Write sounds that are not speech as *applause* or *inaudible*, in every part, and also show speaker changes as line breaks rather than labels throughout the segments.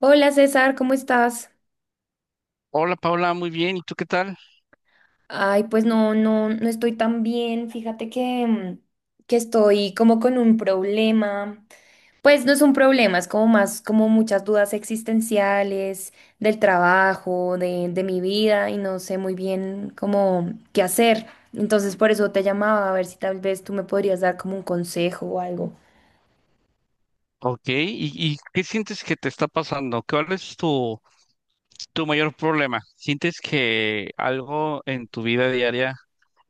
Hola César, ¿cómo estás?
Hola Paula, muy bien. ¿Y tú qué tal?
Ay, pues no, no, no estoy tan bien. Fíjate que, que estoy como con un problema. Pues no es un problema, es como más como muchas dudas existenciales del trabajo, de mi vida y no sé muy bien cómo qué hacer. Entonces por eso te llamaba a ver si tal vez tú me podrías dar como un consejo o algo.
Ok. ¿¿Y qué sientes que te está pasando? ¿Cuál es tu mayor problema? ¿Sientes que algo en tu vida diaria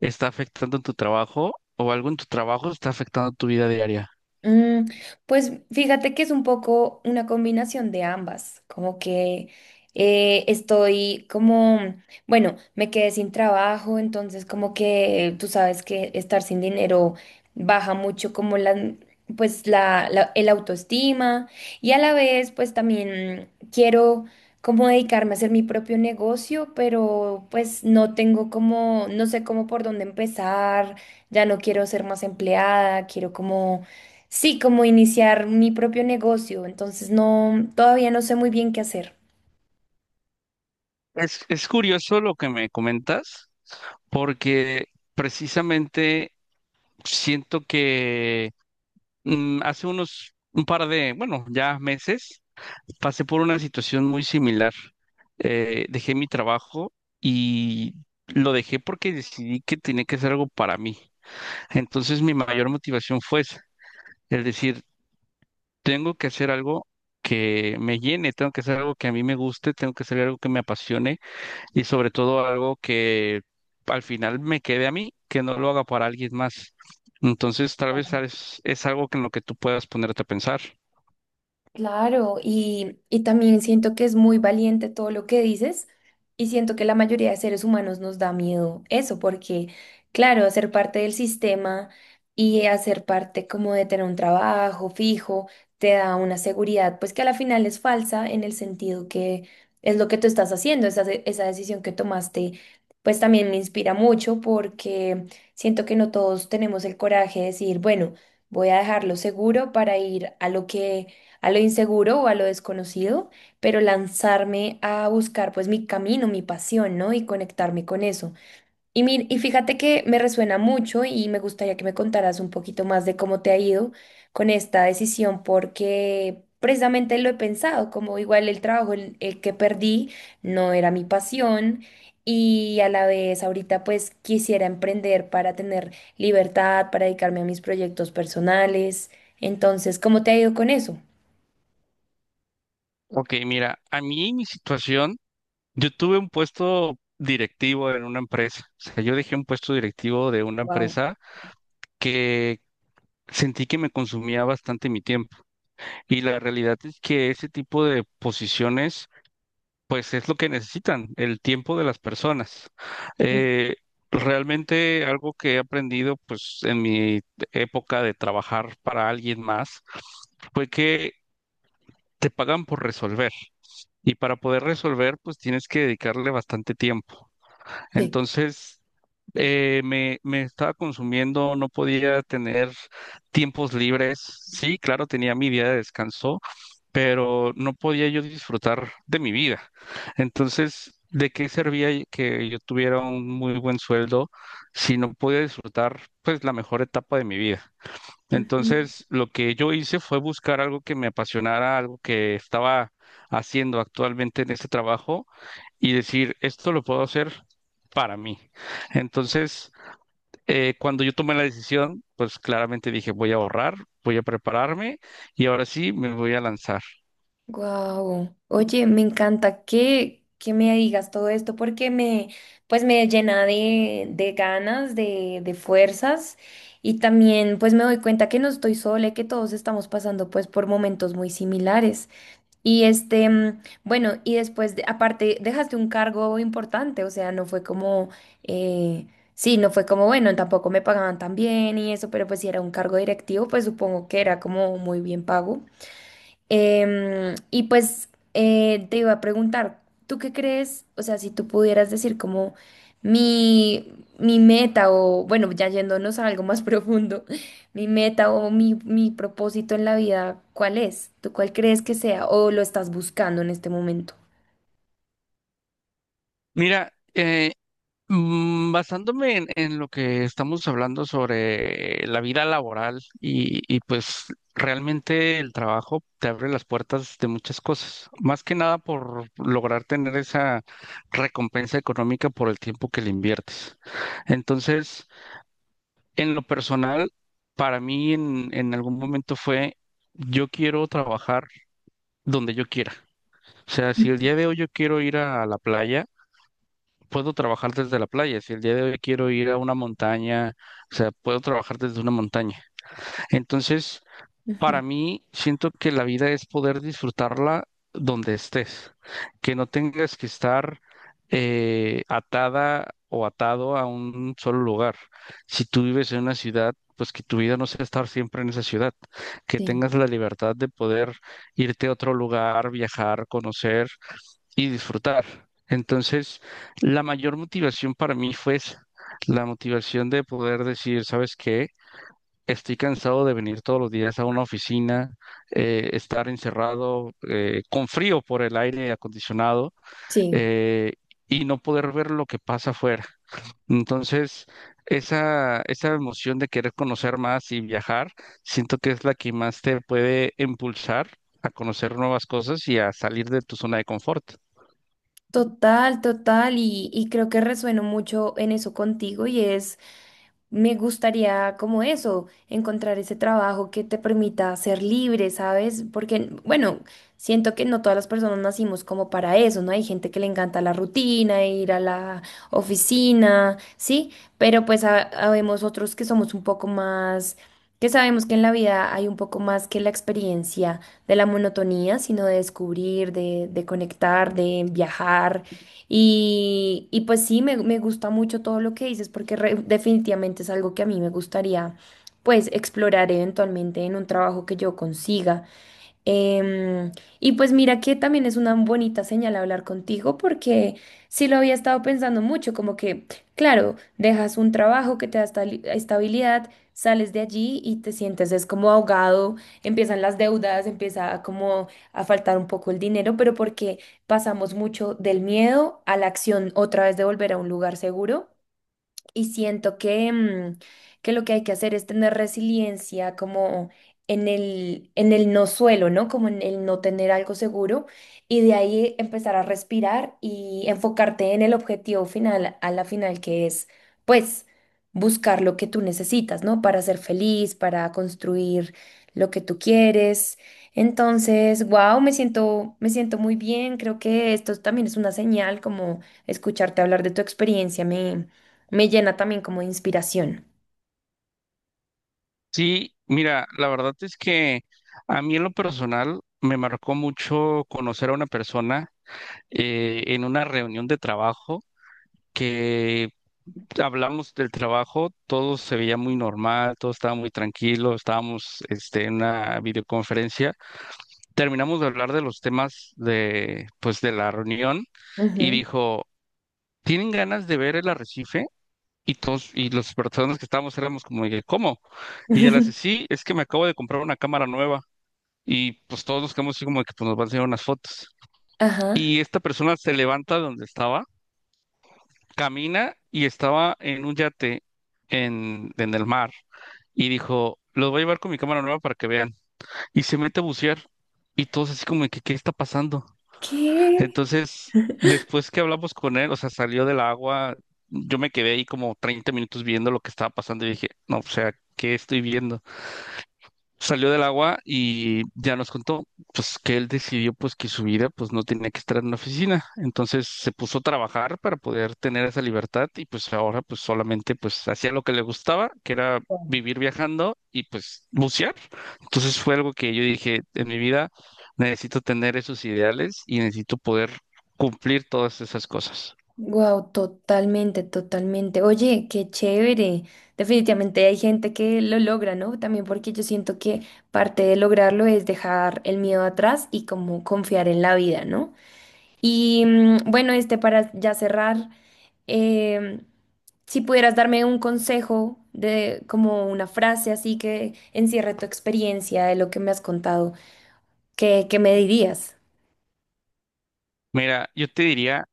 está afectando tu trabajo o algo en tu trabajo está afectando tu vida diaria?
Mm, pues fíjate que es un poco una combinación de ambas, como que estoy como, bueno, me quedé sin trabajo, entonces como que tú sabes que estar sin dinero baja mucho como pues el autoestima y a la vez pues también quiero como dedicarme a hacer mi propio negocio, pero pues no tengo como, no sé cómo por dónde empezar, ya no quiero ser más empleada, quiero como sí, como iniciar mi propio negocio, entonces no, todavía no sé muy bien qué hacer.
Es curioso lo que me comentas, porque precisamente siento que hace unos un par de, bueno, ya meses, pasé por una situación muy similar. Dejé mi trabajo y lo dejé porque decidí que tenía que hacer algo para mí. Entonces mi mayor motivación fue esa, el decir, tengo que hacer algo que me llene, tengo que hacer algo que a mí me guste, tengo que hacer algo que me apasione y sobre todo algo que al final me quede a mí, que no lo haga para alguien más. Entonces tal vez es algo que en lo que tú puedas ponerte a pensar.
Claro, y también siento que es muy valiente todo lo que dices y siento que la mayoría de seres humanos nos da miedo eso, porque claro, ser parte del sistema y hacer parte como de tener un trabajo fijo te da una seguridad, pues que a la final es falsa en el sentido que es lo que tú estás haciendo, esa decisión que tomaste, pues también me inspira mucho porque siento que no todos tenemos el coraje de decir, bueno, voy a dejarlo seguro para ir a lo que a lo inseguro o a lo desconocido, pero lanzarme a buscar pues mi camino, mi pasión, ¿no? Y conectarme con eso. Y, y fíjate que me resuena mucho y me gustaría que me contaras un poquito más de cómo te ha ido con esta decisión, porque precisamente lo he pensado, como igual el trabajo el que perdí no era mi pasión. Y a la vez ahorita pues quisiera emprender para tener libertad, para dedicarme a mis proyectos personales. Entonces, ¿cómo te ha ido con eso?
Ok, mira, a mí mi situación. Yo tuve un puesto directivo en una empresa. O sea, yo dejé un puesto directivo de una
Wow.
empresa que sentí que me consumía bastante mi tiempo. Y la realidad es que ese tipo de posiciones, pues es lo que necesitan, el tiempo de las personas. Eh, Realmente algo que he aprendido, pues en mi época de trabajar para alguien más, fue que te pagan por resolver. Y para poder resolver, pues tienes que dedicarle bastante tiempo.
Sí.
Entonces, me estaba consumiendo, no podía tener tiempos libres. Sí, claro, tenía mi día de descanso, pero no podía yo disfrutar de mi vida. Entonces, ¿de qué servía que yo tuviera un muy buen sueldo si no podía disfrutar, pues, la mejor etapa de mi vida? Entonces, lo que yo hice fue buscar algo que me apasionara, algo que estaba haciendo actualmente en este trabajo y decir, esto lo puedo hacer para mí. Entonces, cuando yo tomé la decisión, pues claramente dije, voy a ahorrar, voy a prepararme y ahora sí me voy a lanzar.
Wow. Oye, me encanta que me digas todo esto porque me, pues me llena de ganas, de fuerzas y también pues me doy cuenta que no estoy sola y que todos estamos pasando pues por momentos muy similares. Y este, bueno, y después, aparte, dejaste un cargo importante, o sea, no fue como, eh, sí, no fue como, bueno, tampoco me pagaban tan bien y eso, pero pues si era un cargo directivo, pues supongo que era como muy bien pago. Y pues te iba a preguntar, ¿tú qué crees? O sea, si tú pudieras decir como mi, mi meta o, bueno, ya yéndonos a algo más *laughs* profundo, mi meta o mi propósito en la vida, ¿cuál es? ¿Tú cuál crees que sea o lo estás buscando en este momento?
Mira, basándome en lo que estamos hablando sobre la vida laboral y pues realmente el trabajo te abre las puertas de muchas cosas, más que nada por lograr tener esa recompensa económica por el tiempo que le inviertes. Entonces, en lo personal, para mí en algún momento fue, yo quiero trabajar donde yo quiera. O sea, si el día de hoy yo quiero ir a la playa, puedo trabajar desde la playa. Si el día de hoy quiero ir a una montaña, o sea, puedo trabajar desde una montaña. Entonces,
Ujú,
para mí, siento que la vida es poder disfrutarla donde estés, que no tengas que estar atada o atado a un solo lugar. Si tú vives en una ciudad, pues que tu vida no sea estar siempre en esa ciudad, que
sí,
tengas la libertad de poder irte a otro lugar, viajar, conocer y disfrutar. Entonces, la mayor motivación para mí fue esa, la motivación de poder decir, ¿sabes qué? Estoy cansado de venir todos los días a una oficina, estar encerrado con frío por el aire acondicionado
sí.
eh, y no poder ver lo que pasa afuera. Entonces, esa emoción de querer conocer más y viajar, siento que es la que más te puede impulsar a conocer nuevas cosas y a salir de tu zona de confort.
Total, total, y creo que resueno mucho en eso contigo y es, me gustaría como eso, encontrar ese trabajo que te permita ser libre, ¿sabes? Porque, bueno, siento que no todas las personas nacimos como para eso, ¿no? Hay gente que le encanta la rutina, ir a la oficina, ¿sí? Pero pues habemos otros que somos un poco más, que sabemos que en la vida hay un poco más que la experiencia de la monotonía, sino de descubrir, de conectar, de viajar. Y pues sí, me gusta mucho todo lo que dices porque definitivamente es algo que a mí me gustaría pues explorar eventualmente en un trabajo que yo consiga. Em, y pues mira que también es una bonita señal hablar contigo porque sí lo había estado pensando mucho, como que, claro, dejas un trabajo que te da estabilidad, sales de allí y te sientes es como ahogado, empiezan las deudas, empieza a como a faltar un poco el dinero, pero porque pasamos mucho del miedo a la acción otra vez de volver a un lugar seguro. Y siento que, que lo que hay que hacer es tener resiliencia como en en el no suelo, ¿no? Como en el no tener algo seguro y de ahí empezar a respirar y enfocarte en el objetivo final, a la final, que es, pues, buscar lo que tú necesitas, ¿no? Para ser feliz, para construir lo que tú quieres. Entonces, wow, me siento muy bien. Creo que esto también es una señal, como escucharte hablar de tu experiencia me me llena también como de inspiración.
Sí, mira, la verdad es que a mí en lo personal me marcó mucho conocer a una persona en una reunión de trabajo que hablamos del trabajo, todo se veía muy normal, todo estaba muy tranquilo, estábamos este, en una videoconferencia, terminamos de hablar de los temas de, pues, de la reunión y
Ujú.
dijo, ¿tienen ganas de ver el arrecife? Y todos, y las personas que estábamos éramos como, de, ¿cómo? Y ella le dice,
*laughs*
sí, es que me acabo de comprar una cámara nueva. Y pues todos nos quedamos así como de que pues, nos van a enseñar unas fotos.
Ajá.
Y esta persona se levanta de donde estaba, camina y estaba en un yate en el mar y dijo, los voy a llevar con mi cámara nueva para que vean. Y se mete a bucear y todos así como de que, ¿qué está pasando?
¿Qué?
Entonces, después que hablamos con él, o sea, salió del agua, yo me quedé ahí como 30 minutos viendo lo que estaba pasando y dije, no, o sea, ¿qué estoy viendo? Salió del agua y ya nos contó pues que él decidió pues que su vida pues no tenía que estar en una oficina. Entonces se puso a trabajar para poder tener esa libertad y pues ahora pues solamente pues hacía lo que le gustaba, que era vivir viajando y pues bucear. Entonces fue algo que yo dije, en mi vida necesito tener esos ideales y necesito poder cumplir todas esas cosas.
Wow, totalmente, totalmente. Oye, qué chévere. Definitivamente hay gente que lo logra, ¿no? También porque yo siento que parte de lograrlo es dejar el miedo atrás y como confiar en la vida, ¿no? Y bueno, este para ya cerrar, em, si pudieras darme un consejo de como una frase así que encierre tu experiencia de lo que me has contado. ¿Qué me dirías?
Mira, yo te diría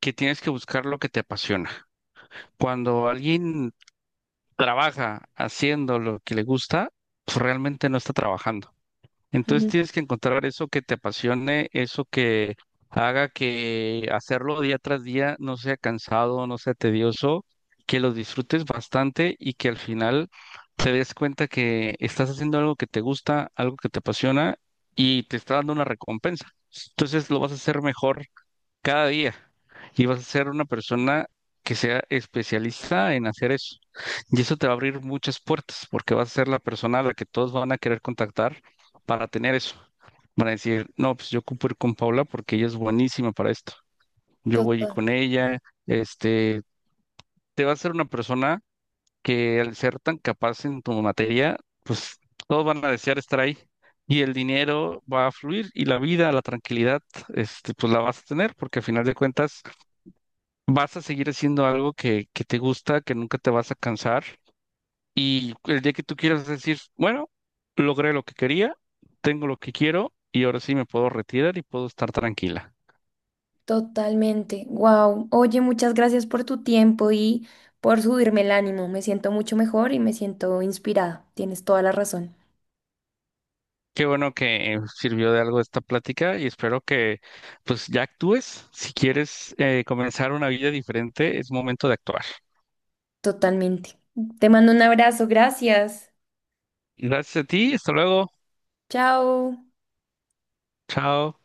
que tienes que buscar lo que te apasiona. Cuando alguien trabaja haciendo lo que le gusta, pues realmente no está trabajando. Entonces
Ujú.
tienes que encontrar eso que te apasione, eso que haga que hacerlo día tras día no sea cansado, no sea tedioso, que lo disfrutes bastante y que al final te des cuenta que estás haciendo algo que te gusta, algo que te apasiona y te está dando una recompensa. Entonces lo vas a hacer mejor cada día y vas a ser una persona que sea especialista en hacer eso. Y eso te va a abrir muchas puertas porque vas a ser la persona a la que todos van a querer contactar para tener eso. Van a decir, no, pues yo ocupo ir con Paula porque ella es buenísima para esto. Yo voy
Total-
con ella, este, te va a ser una persona que al ser tan capaz en tu materia, pues todos van a desear estar ahí. Y el dinero va a fluir y la vida, la tranquilidad, este, pues la vas a tener, porque al final de cuentas vas a seguir haciendo algo que te gusta, que nunca te vas a cansar. Y el día que tú quieras decir, bueno, logré lo que quería, tengo lo que quiero y ahora sí me puedo retirar y puedo estar tranquila.
totalmente. Wow. Oye, muchas gracias por tu tiempo y por subirme el ánimo. Me siento mucho mejor y me siento inspirada. Tienes toda la razón.
Qué bueno que sirvió de algo esta plática y espero que pues ya actúes. Si quieres comenzar una vida diferente, es momento de actuar.
Totalmente. Te mando un abrazo. Gracias.
Gracias a ti, hasta luego.
Chao.
Chao.